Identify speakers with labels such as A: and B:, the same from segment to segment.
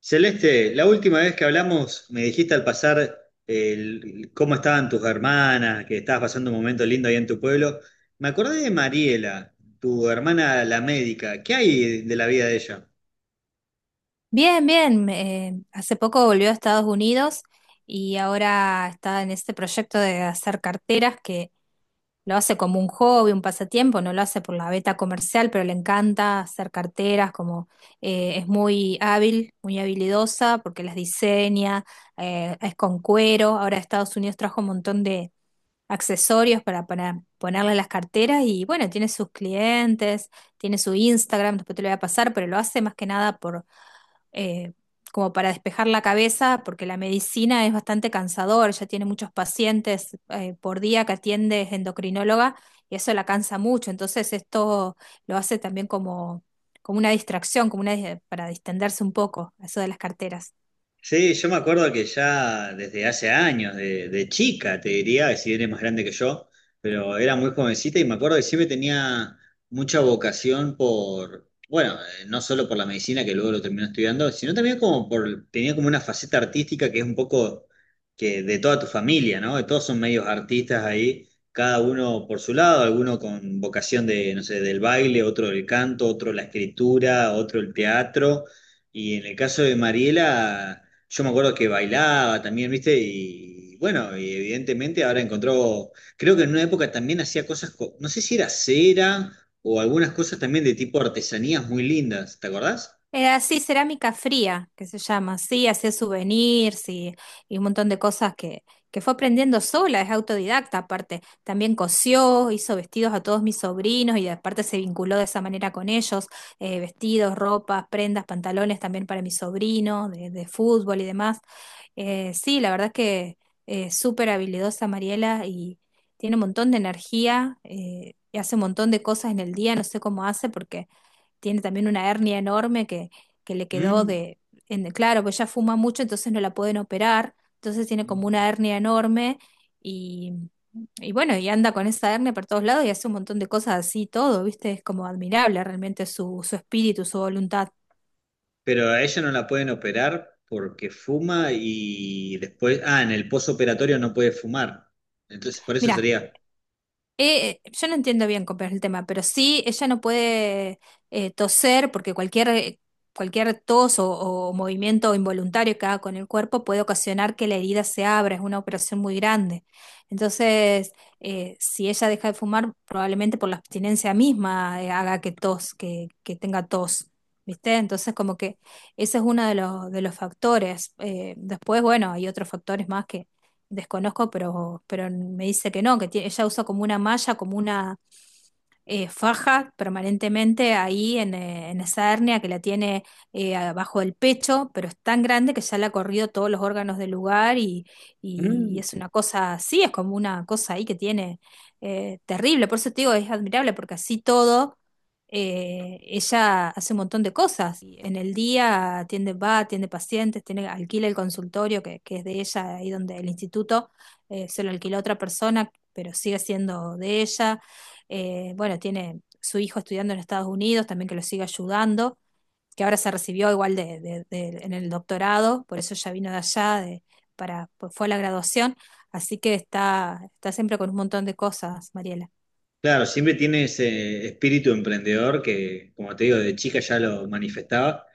A: Celeste, la última vez que hablamos me dijiste al pasar cómo estaban tus hermanas, que estabas pasando un momento lindo ahí en tu pueblo. Me acordé de Mariela, tu hermana la médica. ¿Qué hay de la vida de ella?
B: Bien, bien. Hace poco volvió a Estados Unidos y ahora está en este proyecto de hacer carteras que lo hace como un hobby, un pasatiempo. No lo hace por la beta comercial, pero le encanta hacer carteras. Como Es muy hábil, muy habilidosa, porque las diseña, es con cuero. Ahora Estados Unidos trajo un montón de accesorios para ponerle a las carteras y bueno, tiene sus clientes, tiene su Instagram, después te lo voy a pasar, pero lo hace más que nada por eh, como para despejar la cabeza, porque la medicina es bastante cansador. Ya tiene muchos pacientes por día que atiende, es endocrinóloga y eso la cansa mucho. Entonces esto lo hace también como una distracción, para distenderse un poco, eso de las carteras.
A: Sí, yo me acuerdo que ya desde hace años, de chica, te diría, si eres más grande que yo, pero era muy jovencita y me acuerdo que siempre tenía mucha vocación por, bueno, no solo por la medicina, que luego lo terminé estudiando, sino también como por, tenía como una faceta artística que es un poco que de toda tu familia, ¿no? Que todos son medios artistas ahí, cada uno por su lado, alguno con vocación de, no sé, del baile, otro del canto, otro la escritura, otro el teatro, y en el caso de Mariela yo me acuerdo que bailaba también, ¿viste? Y bueno, y evidentemente ahora encontró, creo que en una época también hacía cosas, no sé si era cera o algunas cosas también de tipo artesanías muy lindas, ¿te acordás?
B: Era así, cerámica fría, que se llama. Sí, hacía souvenirs y un montón de cosas que fue aprendiendo sola, es autodidacta aparte. También cosió, hizo vestidos a todos mis sobrinos y aparte se vinculó de esa manera con ellos. Vestidos, ropas, prendas, pantalones también para mis sobrinos, de fútbol y demás. Sí, la verdad es que súper habilidosa Mariela y tiene un montón de energía, y hace un montón de cosas en el día. No sé cómo hace, porque tiene también una hernia enorme que le quedó
A: Mm.
B: de, en- Claro, pues ella fuma mucho, entonces no la pueden operar, entonces tiene como una hernia enorme y, y bueno, y anda con esa hernia por todos lados y hace un montón de cosas así, todo, ¿viste? Es como admirable realmente su, su espíritu, su voluntad.
A: Pero a ella no la pueden operar porque fuma y después, ah, en el posoperatorio no puede fumar. Entonces, por eso
B: Mira,
A: sería...
B: Yo no entiendo bien cómo es el tema, pero sí, ella no puede toser, porque cualquier o movimiento involuntario que haga con el cuerpo puede ocasionar que la herida se abra. Es una operación muy grande. Entonces, si ella deja de fumar, probablemente por la abstinencia misma, haga que tenga tos, ¿viste? Entonces, como que ese es uno de de los factores. Después, bueno, hay otros factores más, desconozco, pero me dice que no, Ella usa como una malla, como una faja permanentemente ahí en esa hernia, que la tiene abajo del pecho, pero es tan grande que ya le ha corrido todos los órganos del lugar y
A: Mm.
B: es una cosa así. Es como una cosa ahí que tiene terrible. Por eso te digo, es admirable, porque así todo, ella hace un montón de cosas. Y en el día atiende, va, atiende pacientes, tiene, alquila el consultorio que es de ella, ahí donde el instituto. Se lo alquila a otra persona, pero sigue siendo de ella. Bueno, tiene su hijo estudiando en Estados Unidos también, que lo sigue ayudando, que ahora se recibió igual en el doctorado, por eso ya vino de pues fue a la graduación. Así que está, está siempre con un montón de cosas, Mariela.
A: Claro, siempre tiene ese espíritu emprendedor que, como te digo, de chica ya lo manifestaba.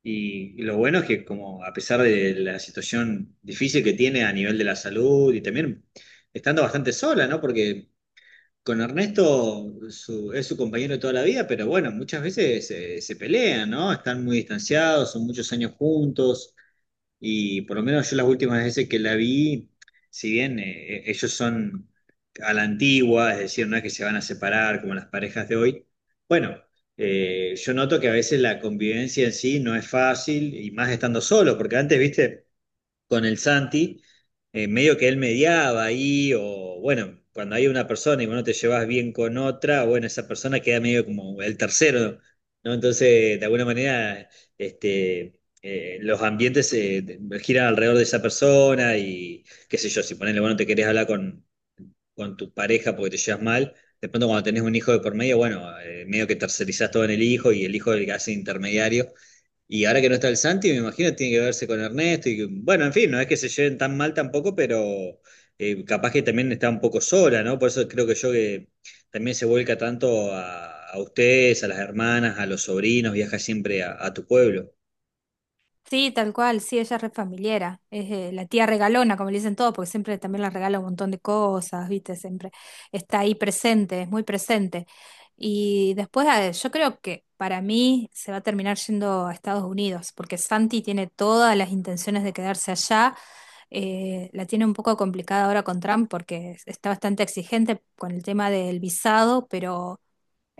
A: Y lo bueno es que como a pesar de la situación difícil que tiene a nivel de la salud y también estando bastante sola, ¿no? Porque con Ernesto es su compañero de toda la vida, pero bueno, muchas veces se pelean, ¿no? Están muy distanciados, son muchos años juntos. Y por lo menos yo las últimas veces que la vi, si bien ellos son a la antigua, es decir, no es que se van a separar como las parejas de hoy, bueno, yo noto que a veces la convivencia en sí no es fácil y más estando solo, porque antes, viste, con el Santi, medio que él mediaba ahí, o bueno, cuando hay una persona y vos no te llevas bien con otra, bueno, esa persona queda medio como el tercero, ¿no? Entonces, de alguna manera, los ambientes giran alrededor de esa persona y qué sé yo, si ponele, bueno, te querés hablar con tu pareja porque te llevas mal. De pronto cuando tenés un hijo de por medio, bueno, medio que tercerizás todo en el hijo y el hijo es el que hace intermediario. Y ahora que no está el Santi, me imagino tiene que verse con Ernesto y que- bueno, en fin, no es que se lleven tan mal tampoco, pero capaz que también está un poco sola, ¿no? Por eso creo que yo que también se vuelca tanto a ustedes, a las hermanas, a los sobrinos, viaja siempre a tu pueblo.
B: Sí, tal cual, sí, ella es re familiera, es, la tía regalona, como le dicen todos, porque siempre también la regala un montón de cosas, ¿viste? Siempre está ahí presente, es muy presente. Y después, yo creo que para mí se va a terminar yendo a Estados Unidos, porque Santi tiene todas las intenciones de quedarse allá. La tiene un poco complicada ahora con Trump, porque está bastante exigente con el tema del visado, pero...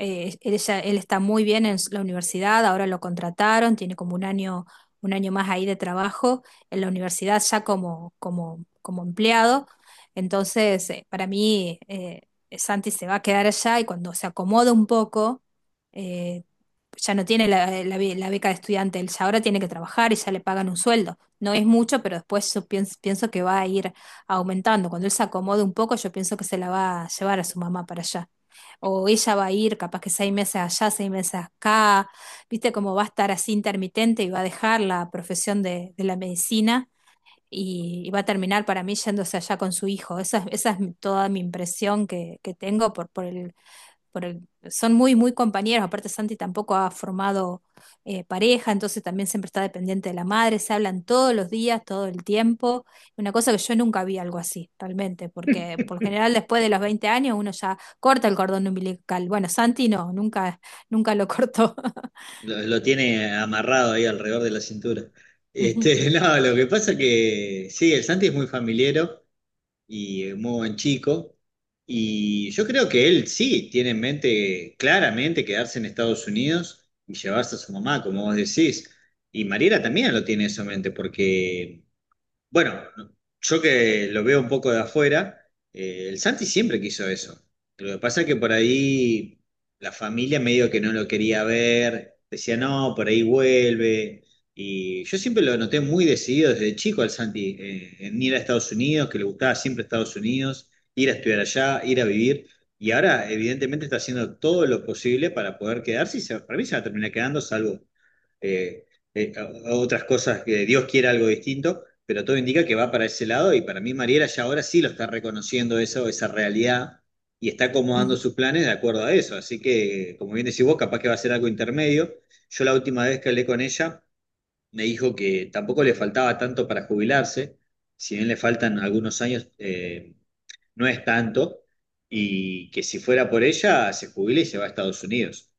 B: Él está muy bien en la universidad, ahora lo contrataron, tiene como un año más ahí de trabajo en la universidad ya como empleado. Entonces, Santi se va a quedar allá. Y cuando se acomoda un poco, eh, ya no tiene la beca de estudiante. Él ya ahora tiene que trabajar y ya le pagan un sueldo. No es mucho, pero después yo pienso, pienso que va a ir aumentando. Cuando él se acomode un poco, yo pienso que se la va a llevar a su mamá para allá, o ella va a ir, capaz que 6 meses allá, 6 meses acá, viste cómo va a estar, así intermitente, y va a dejar la profesión de la medicina y va a terminar, para mí, yéndose allá con su hijo. Esa es toda mi impresión que tengo son muy, muy compañeros. Aparte, Santi tampoco ha formado pareja, entonces también siempre está dependiente de la madre. Se hablan todos los días, todo el tiempo. Una cosa que yo nunca vi algo así, realmente, porque por lo general después de los 20 años uno ya corta el cordón umbilical. Bueno, Santi no, nunca lo cortó.
A: Lo tiene amarrado ahí alrededor de la cintura.
B: Ujú,
A: Este, no, lo que pasa que sí, el Santi es muy familiero. Y un muy buen chico. Y yo creo que él sí tiene en mente claramente quedarse en Estados Unidos y llevarse a su mamá, como vos decís. Y Mariela también lo tiene eso en mente, porque bueno, yo que lo veo un poco de afuera, el Santi siempre quiso eso. Lo que pasa es que por ahí la familia medio que no lo quería ver, decía, no, por ahí vuelve. Y yo siempre lo noté muy decidido desde chico al Santi, en ir a Estados Unidos, que le gustaba siempre Estados Unidos, ir a estudiar allá, ir a vivir. Y ahora, evidentemente, está haciendo todo lo posible para poder quedarse y para mí se va a terminar quedando, salvo eh, a otras cosas que Dios quiera algo distinto, pero todo indica que va para ese lado y para mí Mariela ya ahora sí lo está reconociendo eso, esa realidad y está acomodando
B: ujú.
A: sus planes de acuerdo a eso. Así que, como bien decís vos, capaz que va a ser algo intermedio. Yo la última vez que hablé con ella me dijo que tampoco le faltaba tanto para jubilarse, si bien le faltan algunos años, no es tanto, y que si fuera por ella se jubila y se va a Estados Unidos.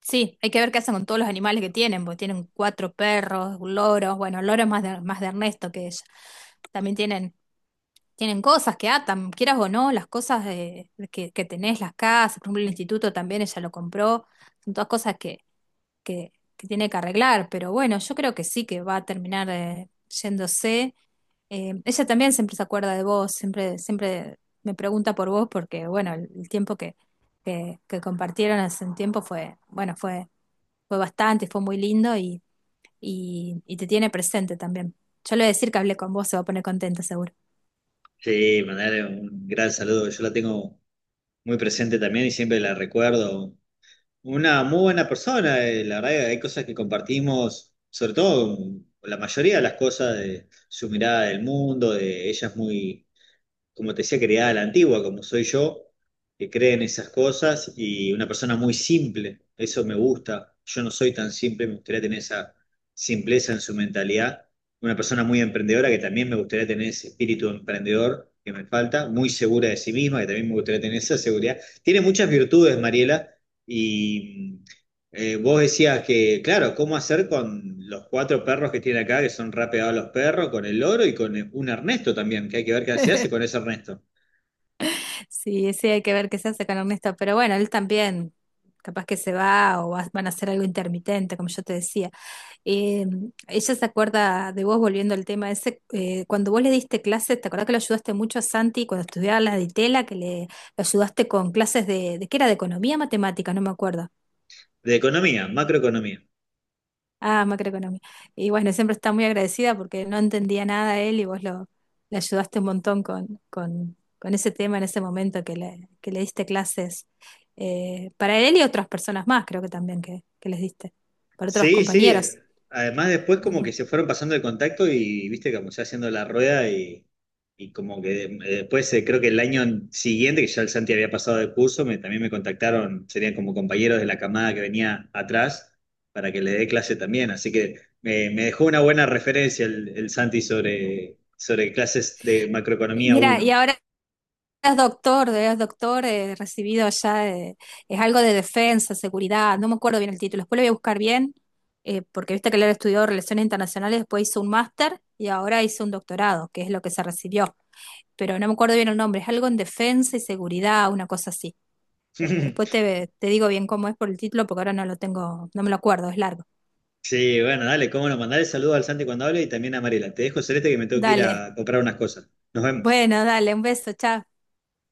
B: Sí, hay que ver qué hacen con todos los animales que tienen, porque tienen cuatro perros, loros. Bueno, el loro es más más de Ernesto que ella. También tienen Tienen cosas que atan, quieras o no, las cosas que tenés, las casas. Por ejemplo, el instituto también ella lo compró, son todas cosas que tiene que arreglar. Pero bueno, yo creo que sí, que va a terminar, yéndose. Ella también siempre se acuerda de vos, siempre, siempre me pregunta por vos, porque bueno, el tiempo que compartieron hace un tiempo fue, fue bastante, fue muy lindo y te tiene presente también. Yo le voy a decir que hablé con vos, se va a poner contenta seguro.
A: Sí, mandarle un gran saludo. Yo la tengo muy presente también y siempre la recuerdo. Una muy buena persona, la verdad que hay cosas que compartimos, sobre todo la mayoría de las cosas de su mirada del mundo, de ella es muy como te decía, criada a la antigua, como soy yo, que cree en esas cosas y una persona muy simple. Eso me gusta. Yo no soy tan simple, me gustaría tener esa simpleza en su mentalidad. Una persona muy emprendedora que también me gustaría tener ese espíritu emprendedor que me falta, muy segura de sí misma, que también me gustaría tener esa seguridad. Tiene muchas virtudes, Mariela, y vos decías que, claro, ¿cómo hacer con los cuatro perros que tiene acá, que son rapeados los perros, con el loro y con un Ernesto también, que hay que ver qué se hace con ese Ernesto?
B: Sí, sí, hay que ver qué se hace con Ernesto, pero bueno, él también, capaz que se va van a hacer algo intermitente, como yo te decía. Eh, ella se acuerda de vos, volviendo al tema ese, cuando vos le diste clases. ¿Te acordás que lo ayudaste mucho a Santi cuando estudiaba la de Ditela, lo ayudaste con clases ¿qué era? De economía, matemática, no me acuerdo.
A: De economía, macroeconomía.
B: Ah, macroeconomía. Y bueno, siempre está muy agradecida, porque no entendía nada él y le ayudaste un montón con ese tema en ese momento que que le diste clases, para él y otras personas más, creo que también que les diste, para otros
A: Sí, sí.
B: compañeros.
A: Además, después como
B: Ujú.
A: que se fueron pasando el contacto y viste como se va haciendo la rueda y como que después creo que el año siguiente, que ya el Santi había pasado de curso, también me contactaron, serían como compañeros de la camada que venía atrás para que le dé clase también. Así que me dejó una buena referencia el Santi sobre, sobre clases de
B: Y
A: macroeconomía
B: Mira, y
A: uno.
B: ahora eres doctor, recibido ya. Eh, es algo de defensa, seguridad, no me acuerdo bien el título, después lo voy a buscar bien. Eh, porque viste que él estudió Relaciones Internacionales, después hizo un máster y ahora hizo un doctorado, que es lo que se recibió, pero no me acuerdo bien el nombre, es algo en defensa y seguridad, una cosa así. Después te digo bien cómo es por el título, porque ahora no lo tengo, no me lo acuerdo, es largo.
A: Sí, bueno, dale, cómo no, mandale saludos al Santi cuando hable y también a Mariela. Te dejo, Celeste, que me tengo que ir
B: Dale,
A: a comprar unas cosas. Nos vemos.
B: bueno, dale, un beso, chao.